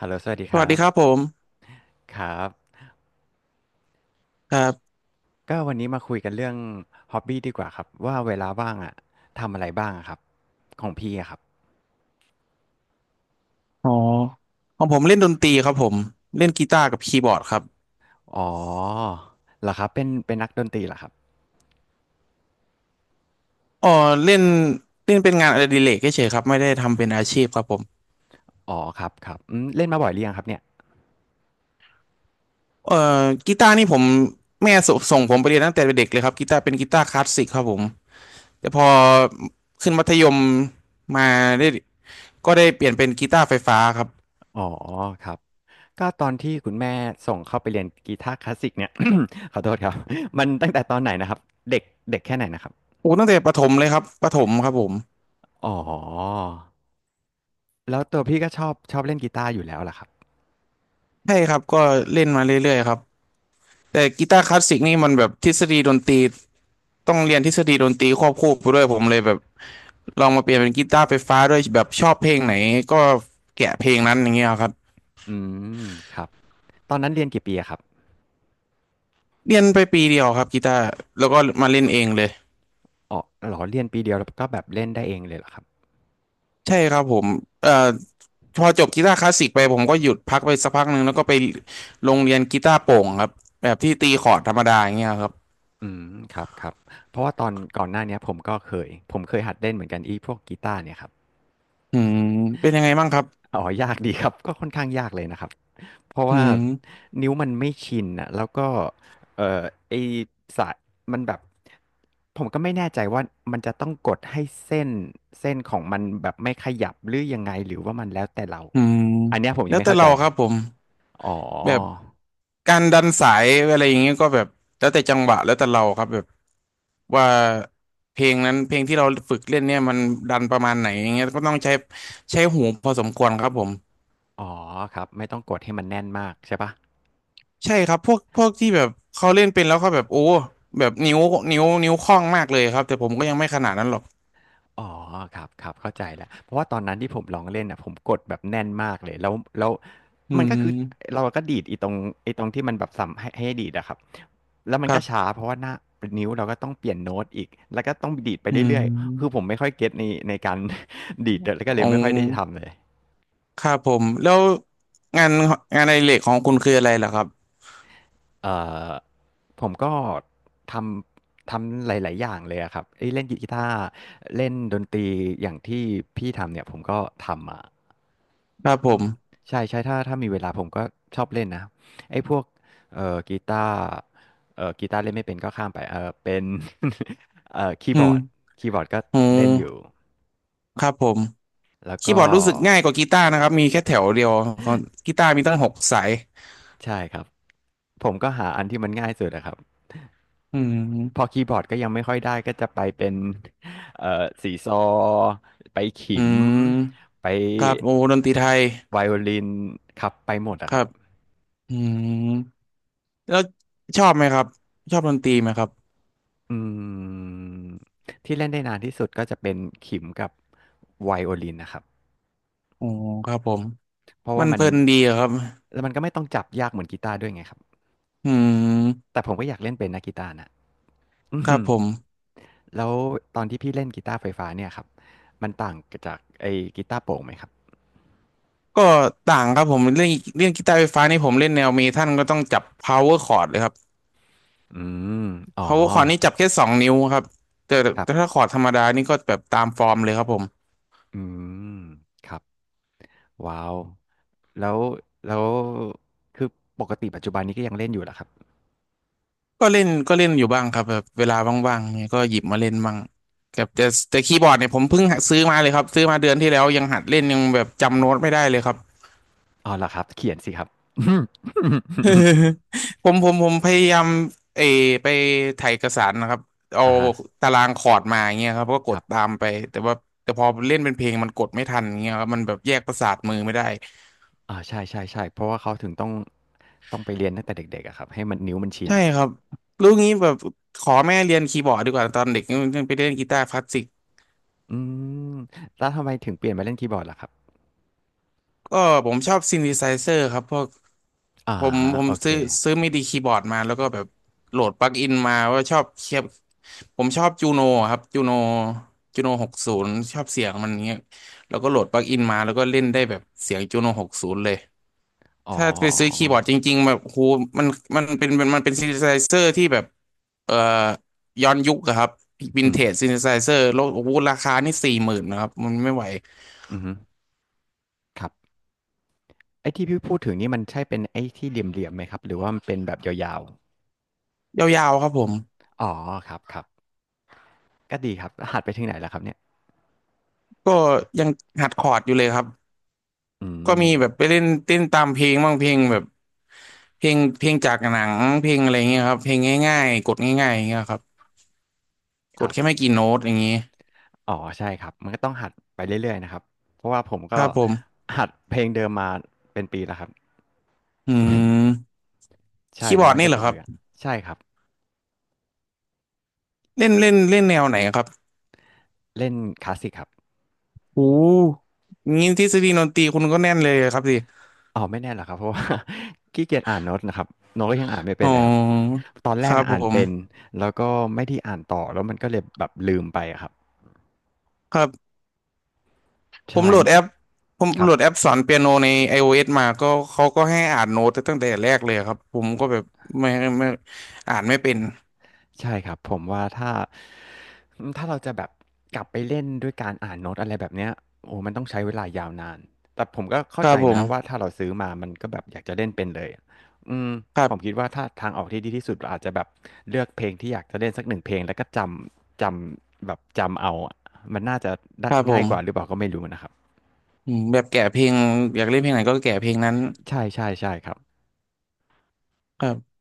ฮัลโหลสวัสดีสควัสรัดีบครับผมครับครับก็วันนี้มาคุยกันเรื่องฮ็อบบี้ดีกว่าครับว่าเวลาว่างอะทำอะไรบ้างอะครับของพี่อะครับอ๋อของผมเล่นดนตรีครับผมเล่นกีตาร์กับคีย์บอร์ดครับอ๋อเหรอครับเป็นนักดนตรีเหรอครับอ๋อเล่นเล่นเป็นงานอดิเรกเฉยๆครับไม่ได้ทำเป็นอาชีพครับผมอ๋อครับครับอืมเล่นมาบ่อยหรือยังครับเนี่ยเอ่อกีตาร์นี่ผมแม่สส่งผมไปเรียนตั้งแต่เด็กเลยครับกีตาร์เป็นกีตาร์คลาสสิกครับผมแต่พอขึ้นมัธยมมาได้ก็ได้เปลี่ยนเป็นกีตาร์ไฟฟ้าครับอ๋อครับก็ตอนที่คุณแม่ส่งเข้าไปเรียนกีตาร์คลาสสิกเนี่ย ขอโทษครับมันตั้งแต่ตอนไหนนะครับเด็กเด็กแค่ไหนนะครับโอ้ตั้งแต่ประถมเลยครับประถมครับผมอ๋อแล้วตัวพี่ก็ชอบเล่นกีตาร์อยู่แล้วล่ะครับใช่ครับก็เล่นมาเรื่อยๆครับแต่กีตาร์คลาสสิกนี่มันแบบทฤษฎีดนตรี ต้องเรียนทฤษฎีดนตรีควบคู่ไปด้วยผมเลยแบบลองมาเปลี่ยนเป็นกีตาร์ไฟฟ้าด้วยแบบชอบเพลงไหนก็แกะเพลงนั้นอย่างเงี้ยครับอืมครับตอนนั้นเรียนกี่ปีอะครับ เรียนไป1 ปีเดียวครับกีตาร์แล้วก็มาเล่นเองเลยอ๋อเหรอเรียนปีเดียวแล้วก็แบบเล่นได้เองเลยเหรอครับใช่ครับผมเอ่อพอจบกีตาร์คลาสสิกไปผมก็หยุดพักไปสักพักหนึ่งแล้วก็ไปโรงเรียนกีตาร์โปร่งครับแบบที่ตีคอร์ดธรรมดาอย่างเงี้ยครับอืมครับครับเพราะว่าตอนก่อนหน้าเนี้ยผมเคยหัดเล่นเหมือนกันอีพวกกีตาร์เนี่ยครับอืมเป็นยังไงบ้างครับอ๋อยากดีครับก็ค่อนข้างยากเลยนะครับเพราะอืว่ามนิ้วมันไม่ชินอ่ะแล้วก็เอ่อไอสายมันแบบผมก็ไม่แน่ใจว่ามันจะต้องกดให้เส้นเส้นของมันแบบไม่ขยับหรือยังไงหรือว่ามันแล้วแต่เราอืมอันเนี้ยผมแล้ยังวไม่แต่เข้าเราใจครับผมอ๋อแบบ การดันสายอะไรอย่างเงี้ยก็แบบแล้วแต่จังหวะแล้วแต่เราครับแบบว่าเพลงนั้นเพลงที่เราฝึกเล่นเนี่ยมันดันประมาณไหนอย่างเงี้ยก็ต้องใช้หูพอสมควรครับผมอ๋อครับไม่ต้องกดให้มันแน่นมากใช่ปะ ใช่ครับพวกที่แบบเขาเล่นเป็นแล้วเขาแบบโอ้แบบนิ้วนิ้วคล่องมากเลยครับแต่ผมก็ยังไม่ขนาดนั้นหรอกอ๋อครับครับเข้าใจแล้วเพราะว่าตอนนั้นที่ผมลองเล่นน่ะผมกดแบบแน่นมากเลยแล้วอืมันก็คือมเราก็ดีดไอ้ตรงที่มันแบบสับให้ดีดอะครับแล้วมัคนรัก็ช้าบเพราะว่าหน้านิ้วเราก็ต้องเปลี่ยนโน้ตอีกแล้วก็ต้องดีดไปอืเรื่อยๆคือผมมไม่ค่อยเก็ตในการ ดีดแล้วก็อเลยงไม่ค่อยได้ทำเลย ครับผมแล้วงานงานอดิเรกของคุณคืออะไรล่ะครับเอ่อผมก็ททำหลายๆอย่างเลยอะครับเอ้ยเล่นกีตาร์เล่นดนตรีอย่างที่พี่ทำเนี่ยผมก็ทำมาครับผอืมมใช่ใช่ถ้ามีเวลาผมก็ชอบเล่นนะไอ้พวกกีตาร์กีตาร์เล่นไม่เป็นก็ข้ามไปเออเป็น คีอืย์บอร์ดมคีย์บอร์ดก็โอเล่นอยู่้ครับผม แล้วคีย์ก็บอร์ดรู้สึกง่ายกว่ากีตาร์นะครับมีแค่แถวเดียวกีตาร์มีตั้ง6 สายใช่ครับผมก็หาอันที่มันง่ายสุดนะครับ อืพอมคีย์บอร์ดก็ยังไม่ค่อยได้ก็จะไปเป็นเอ่อสีซอไปขิอืมมไปครับโอ้ดนตรีไทยไวโอลินครับไปหมดคอะครัรับบอืมแล้วชอบไหมครับชอบดนตรีไหมครับอืมที่เล่นได้นานที่สุดก็จะเป็นขิมกับไวโอลินนะครับอ๋อครับผมเพราะมัว่านมัเพนลินดีอะครับแล้วมันก็ไม่ต้องจับยากเหมือนกีตาร์ด้วยไงครับอืมแต่ผมก็อยากเล่นเป็นนะกีตาร์นะ อืครับมผมแล้วตอนที่พี่เล่นกีตาร์ไฟฟ้าเนี่ยครับมันต่างจากไอ้กีตาร์โปร่งไหมครับก็ต่างครับผมเรื่องกีตาร์ไฟฟ้านี่ผมเล่นแนวเมทัลก็ต้องจับ power chord เลยครับ อืมอ๋อ power chord นี่จับแค่2 นิ้วครับแต่ครัแต่ถ้าบ คอร์ดธรรมดานี่ก็แบบตามฟอร์มเลยครับผม อืมครับว้าวแล้วแล้วคือปกติปัจจุบันนี้ก็ยังเล่นอยู่เหรอครับก็เล่นอยู่บ้างครับแบบเวลาว่างๆเนี่ยก็หยิบมาเล่นบ้างแบบแต่แต่คีย์บอร์ดเนี่ยผมเพิ่งหัดซื้อมาเลยครับซื้อมาเดือนที่แล้วยังหัดเล่นยังแบบจำโน้ตไม่ได้เลยครับ อ๋อเหรอครับเขียนสิครับ ผมพยายามเออไปถ่ายเอกสารนะครับเอาอ่าฮะตารางคอร์ดมาอย่างเงี้ยครับก็กคดรับตามไปแต่ว่าแต่พอเล่นเป็นเพลงมันกดไม่ทันอย่างเงี้ยครับมันแบบแยกประสาทมือไม่ได้อ่าใช่ใช่ใช่เพราะว่าเขาถึงต้องไปเรียนตั้งแต่เด็กๆอะครับให้มันนิ้วมันชินใช่อะครับรู้งี้แบบขอแม่เรียนคีย์บอร์ดดีกว่าตอนเด็กยังไปเล่นกีตาร์คลาสสิกอืมแล้วทำไมถึงเปลี่ยนมาเล่นคีย์บอร์ดล่ะครับก็ผมชอบซินธิไซเซอร์ครับพวก อ่าผมโอเคซื้อซื้อมิดีคีย์บอร์ดมาแล้วก็แบบโหลดปลั๊กอินมาว่าชอบเคียบผมชอบจูโนครับจูโนจูโนหกศูนย์ชอบเสียงมันเงี้ยแล้วก็โหลดปลั๊กอินมาแล้วก็เล่นได้แบบเสียงจูโนหกศูนย์เลยอ๋อถ้าไปซื้อคีย์บอร์ดจริงๆแบบโหมันมันเป็นมันเป็นซินธิไซเซอร์ที่แบบเอ่อย้อนยุคอะครับวินอืเทมจซินธิไซเซอร์แล้วโอ้โหราคานี่40,000นะครับมันไม่ไหวอือฮึครับไอ้ที่พี่พูดถึงนี่มันใช่เป็นไอ้ที่เหลี่ยมๆไหมครับหรือว่ามันเป็นแบบยาวยาวๆครับผมๆอ๋อครับครับ ก็ดีครับหัดไปถึงไหนแล้วครับเนี่ยก็ยังหัดคอร์ดอยู่เลยครับ อืก็มมีแบบไปเล่นเต้นตามเพลงบ้างเพลงแบบเพลงเพลงจากหนังเพลงอะไรเงี้ยครับเพลงง่ายๆกดง่ายๆอย่างเงี้ยครับคกดรับแค่ไม่กี่โน้ตอย่างงี้อ๋อใช่ครับมันก็ต้องหัดไปเรื่อยๆนะครับเพราะว่าผมก็ครับผมหัดเพลงเดิมมาเป็นปีแล้วครับอืมใช่คีย์บแล้วอร์ดมันนี่ก็เหรจะอครับเบื่อใช่ครับเล่นเล่นเล่นแนวไหนครับเล่นคลาสสิกครับโอ้งี้ทฤษฎีดนตรีคุณก็แน่นเลยครับสิอ๋อไม่แน่หรอกครับเพราะว่า ขี้เกียจอ่านโน้ตนะครับโน้ตก็ยังอ่านไม่อ๋เป็นเลยครับอตอนแรคกรับอะผอ่านเป็นมแล้วก็ไม่ได้อ่านต่อแล้วมันก็เลยแบบลืมไปอะครับครับผมใช่โหลดแอปผมครัโหลบ ดแอปสอนเปียโนใน iOS มาก็เขาก็ให้อ่านโน้ตตั้งแต่แรกเลยครับผมก็แบบไม่ไม่อ่านไม่เป็นใช่ครับผมว่าถ้าเราจะแบบกลับไปเล่นด้วยการอ่านโน้ตอะไรแบบเนี้ยโอ้โมันต้องใช้เวลายาวนานแต่ผมก็คเข้ารัใจบผนะมว่าถ้าเราซื้อมามันก็แบบอยากจะเล่นเป็นเลยอะอืมครัผมบ คิดว่าถ้าทางออกที่ดีที่สุดเราอาจจะแบบเลือกเพลงที่อยากจะเล่นสักหนึ่งเพลงแล้วก็จำแบบจำเอาอะมันน่าจะคได้รับผง่ายกว่าหรือเปมล่าก็ไม่รู้นะครับอืมแบบแกะเพลงอยากเล่นเพลงไหนก็แกะเพลงนั้นใช่ๆใช่ครับครับ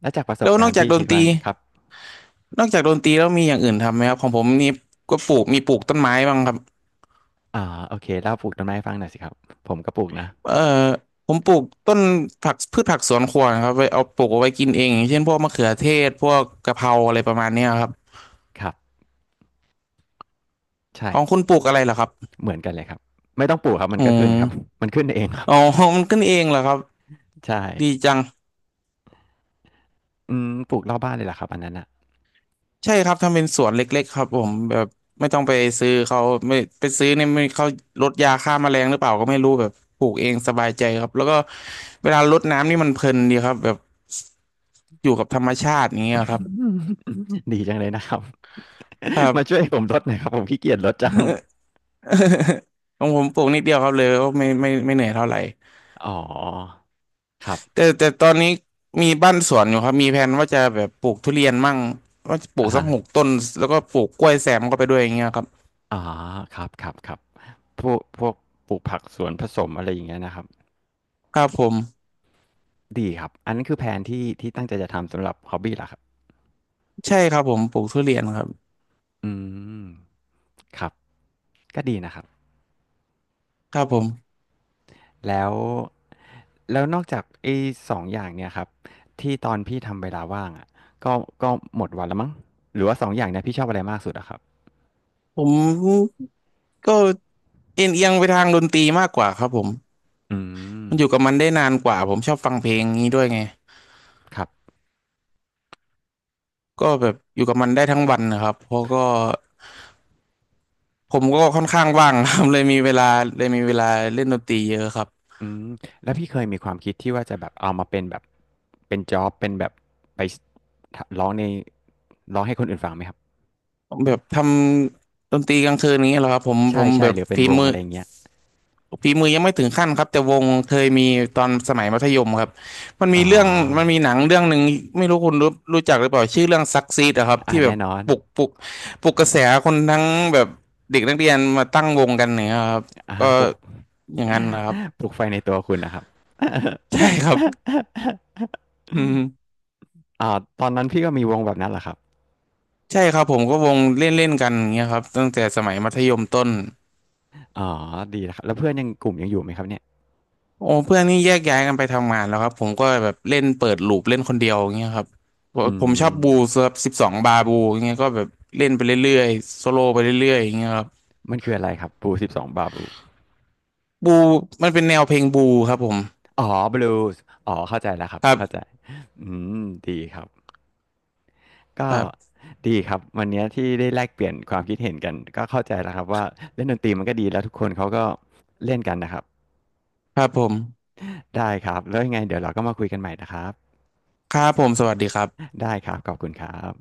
แล้วจากประสบแล้วนกาอรกณ์จากพี่ดนคิดตว่ารีนะครับนอกจากดนตรีแล้วมีอย่างอื่นทำไหมครับของผมนี่ก็ปลูกมีปลูกต้นไม้บ้างครับอ่าโอเคเล่าปลูกต้นไม้ให้ฟังหน่อยสิครับผมก็ปลูกนะเอ่อผมปลูกต้นผักพืชผักสวนครัวนะครับไว้เอาปลูกเอาไว้กินเองอย่างเช่นพวกมะเขือเทศพวกกะเพราอะไรประมาณเนี้ยครับครับใช่ ของคุณปลูกอะไรเหรอครับเหมือนกันเลยครับไม่ต้องปลูกครับมันอืก็ขึ้นครับ ม มันขึ้นเองครับอ๋อ มันขึ้นเองเหรอครับใช่ดีจัง ปลูกรอบบ้านเลยเหรอครับอันนั้นอ่ะ ใช่ครับทำเป็นสวนเล็กๆครับผมแบบไม่ต้องไปซื้อเขาไม่ไปซื้อเนี่ยไม่เขาลดยาฆ่าแมลงหรือเปล่าก็ไม่รู้แบบปลูกเองสบายใจครับแล้วก็เวลารดน้ำนี่มันเพลินดีครับแบบอยู่กับธรรมชาติอย่างเงี้ยครับ ดีจังเลยนะครับ ครับ มาช่วยผมรดหน่อยครับผมขี้เกียจรดจัง ของผมปลูกนิดเดียวครับเลยก็ไม่เหนื่อยเท่าไหร่อ๋อครับแต่ตอนนี้มีบ้านสวนอยู่ครับมีแผนว่าจะแบบปลูกทุเรียนมั่งว่าจะปลูอ่ากสัฮะก6 ต้นแล้วก็ปลูกกล้วยแซมเข้าไปด้วยอย่างเงี้ยครับอ๋อครับครับครับพวกปลูกผักสวนผสมอะไรอย่างเงี้ยนะครับครับผมดีครับอันนั้นคือแผนที่ที่ตั้งใจจะทำสำหรับฮอบบี้เหรอครับใช่ครับผมปลูกทุเรียนครับอืมครับก็ดีนะครับ ครับผม แล้วแล้วนอกจากไอ้สองอย่างเนี่ยครับที่ตอนพี่ทำเวลาว่างอะก็ก็หมดวันแล้วมั้งหรือว่าสองอย่างเนี่ยพี่ชอบอะไรมากสุดอะครับผมก็เอียงไปทางดนตรีมากกว่าครับผมอืมมันอยู่กับมันได้นานกว่าผมชอบฟังเพลงนี้ด้วยไงครับก็แบบอยู่กับมันได้ทั้งวันนะครับเพราะก็ผมก็ค่อนข้างว่างครับ เลยมีเวลาเลยมีเวลาเล่นดนตรีเยอะครับอืมแล้วพี่เคยมีความคิดที่ว่าจะแบบเอามาเป็นแบบเป็นจ็อบเป็นแบบไปสร้องในร้องให้คนอื่นฟังไหมครับผมแบบทำดนตรีกลางคืนนี้เหรอครับผมผใช่มใช่แบบหรือเป็นฝีวงมือ อะไรอย่างเงี้ยฝีมือยังไม่ถึงขั้นครับแต่วงเคยมีตอนสมัยมัธยมครับมันอ๋มีอเรื่องมันมีหนังเรื่องหนึ่งไม่รู้คุณรู้จักหรือเปล่าชื่อเรื่องซักซีดอะครับอาที่แบแน่บนอนปลุกปลุกกระแสคนทั้งแบบเด็กนักเรียนมาตั้งวงกันเนี่ยครับอะฮะก็ปลุก อย่างนั้นนะครับ ปลุกไฟในตัวคุณน่ะครับ ใช่ครับ อืมอ่าตอนนั้นพี่ก็มีวงแบบนั้นแหละครับใช่ครับผมก็วงเล่นเล่นกันอย่างเงี้ยครับตั้งแต่สมัยมัธยมต้น อ๋อดีนะครับแล้วเพื่อนยังกลุ่มยังอยู่ไหมครับเนี่ยโอ้เพื่อนนี่แยกย้ายกันไปทำงานแล้วครับผมก็แบบเล่นเปิดลูปเล่นคนเดียวอย่างเงี้ยครับอืผมชอบบูมครับ12 บาบูอย่างเงี้ยก็แบบเล่นไปเรื่อยๆโซโล่ไปเรื่อยๆอย่างเงี้ยครับมันคืออะไรครับบูสิบสองบาบูบูมันเป็นแนวเพลงบูครับผมอ๋อบลูสอ๋อเข้าใจแล้วครับครัเข้าใจบอืมดีครับก็ครับดีครับวันนี้ที่ได้แลกเปลี่ยนความคิดเห็นกันก็เข้าใจแล้วครับว่าเล่นดนตรีมันก็ดีแล้วทุกคนเขาก็เล่นกันนะครับครับผมได้ครับแล้วยังไงเดี๋ยวเราก็มาคุยกันใหม่นะครับครับผมสวัสดีครับได้ครับขอบคุณครับ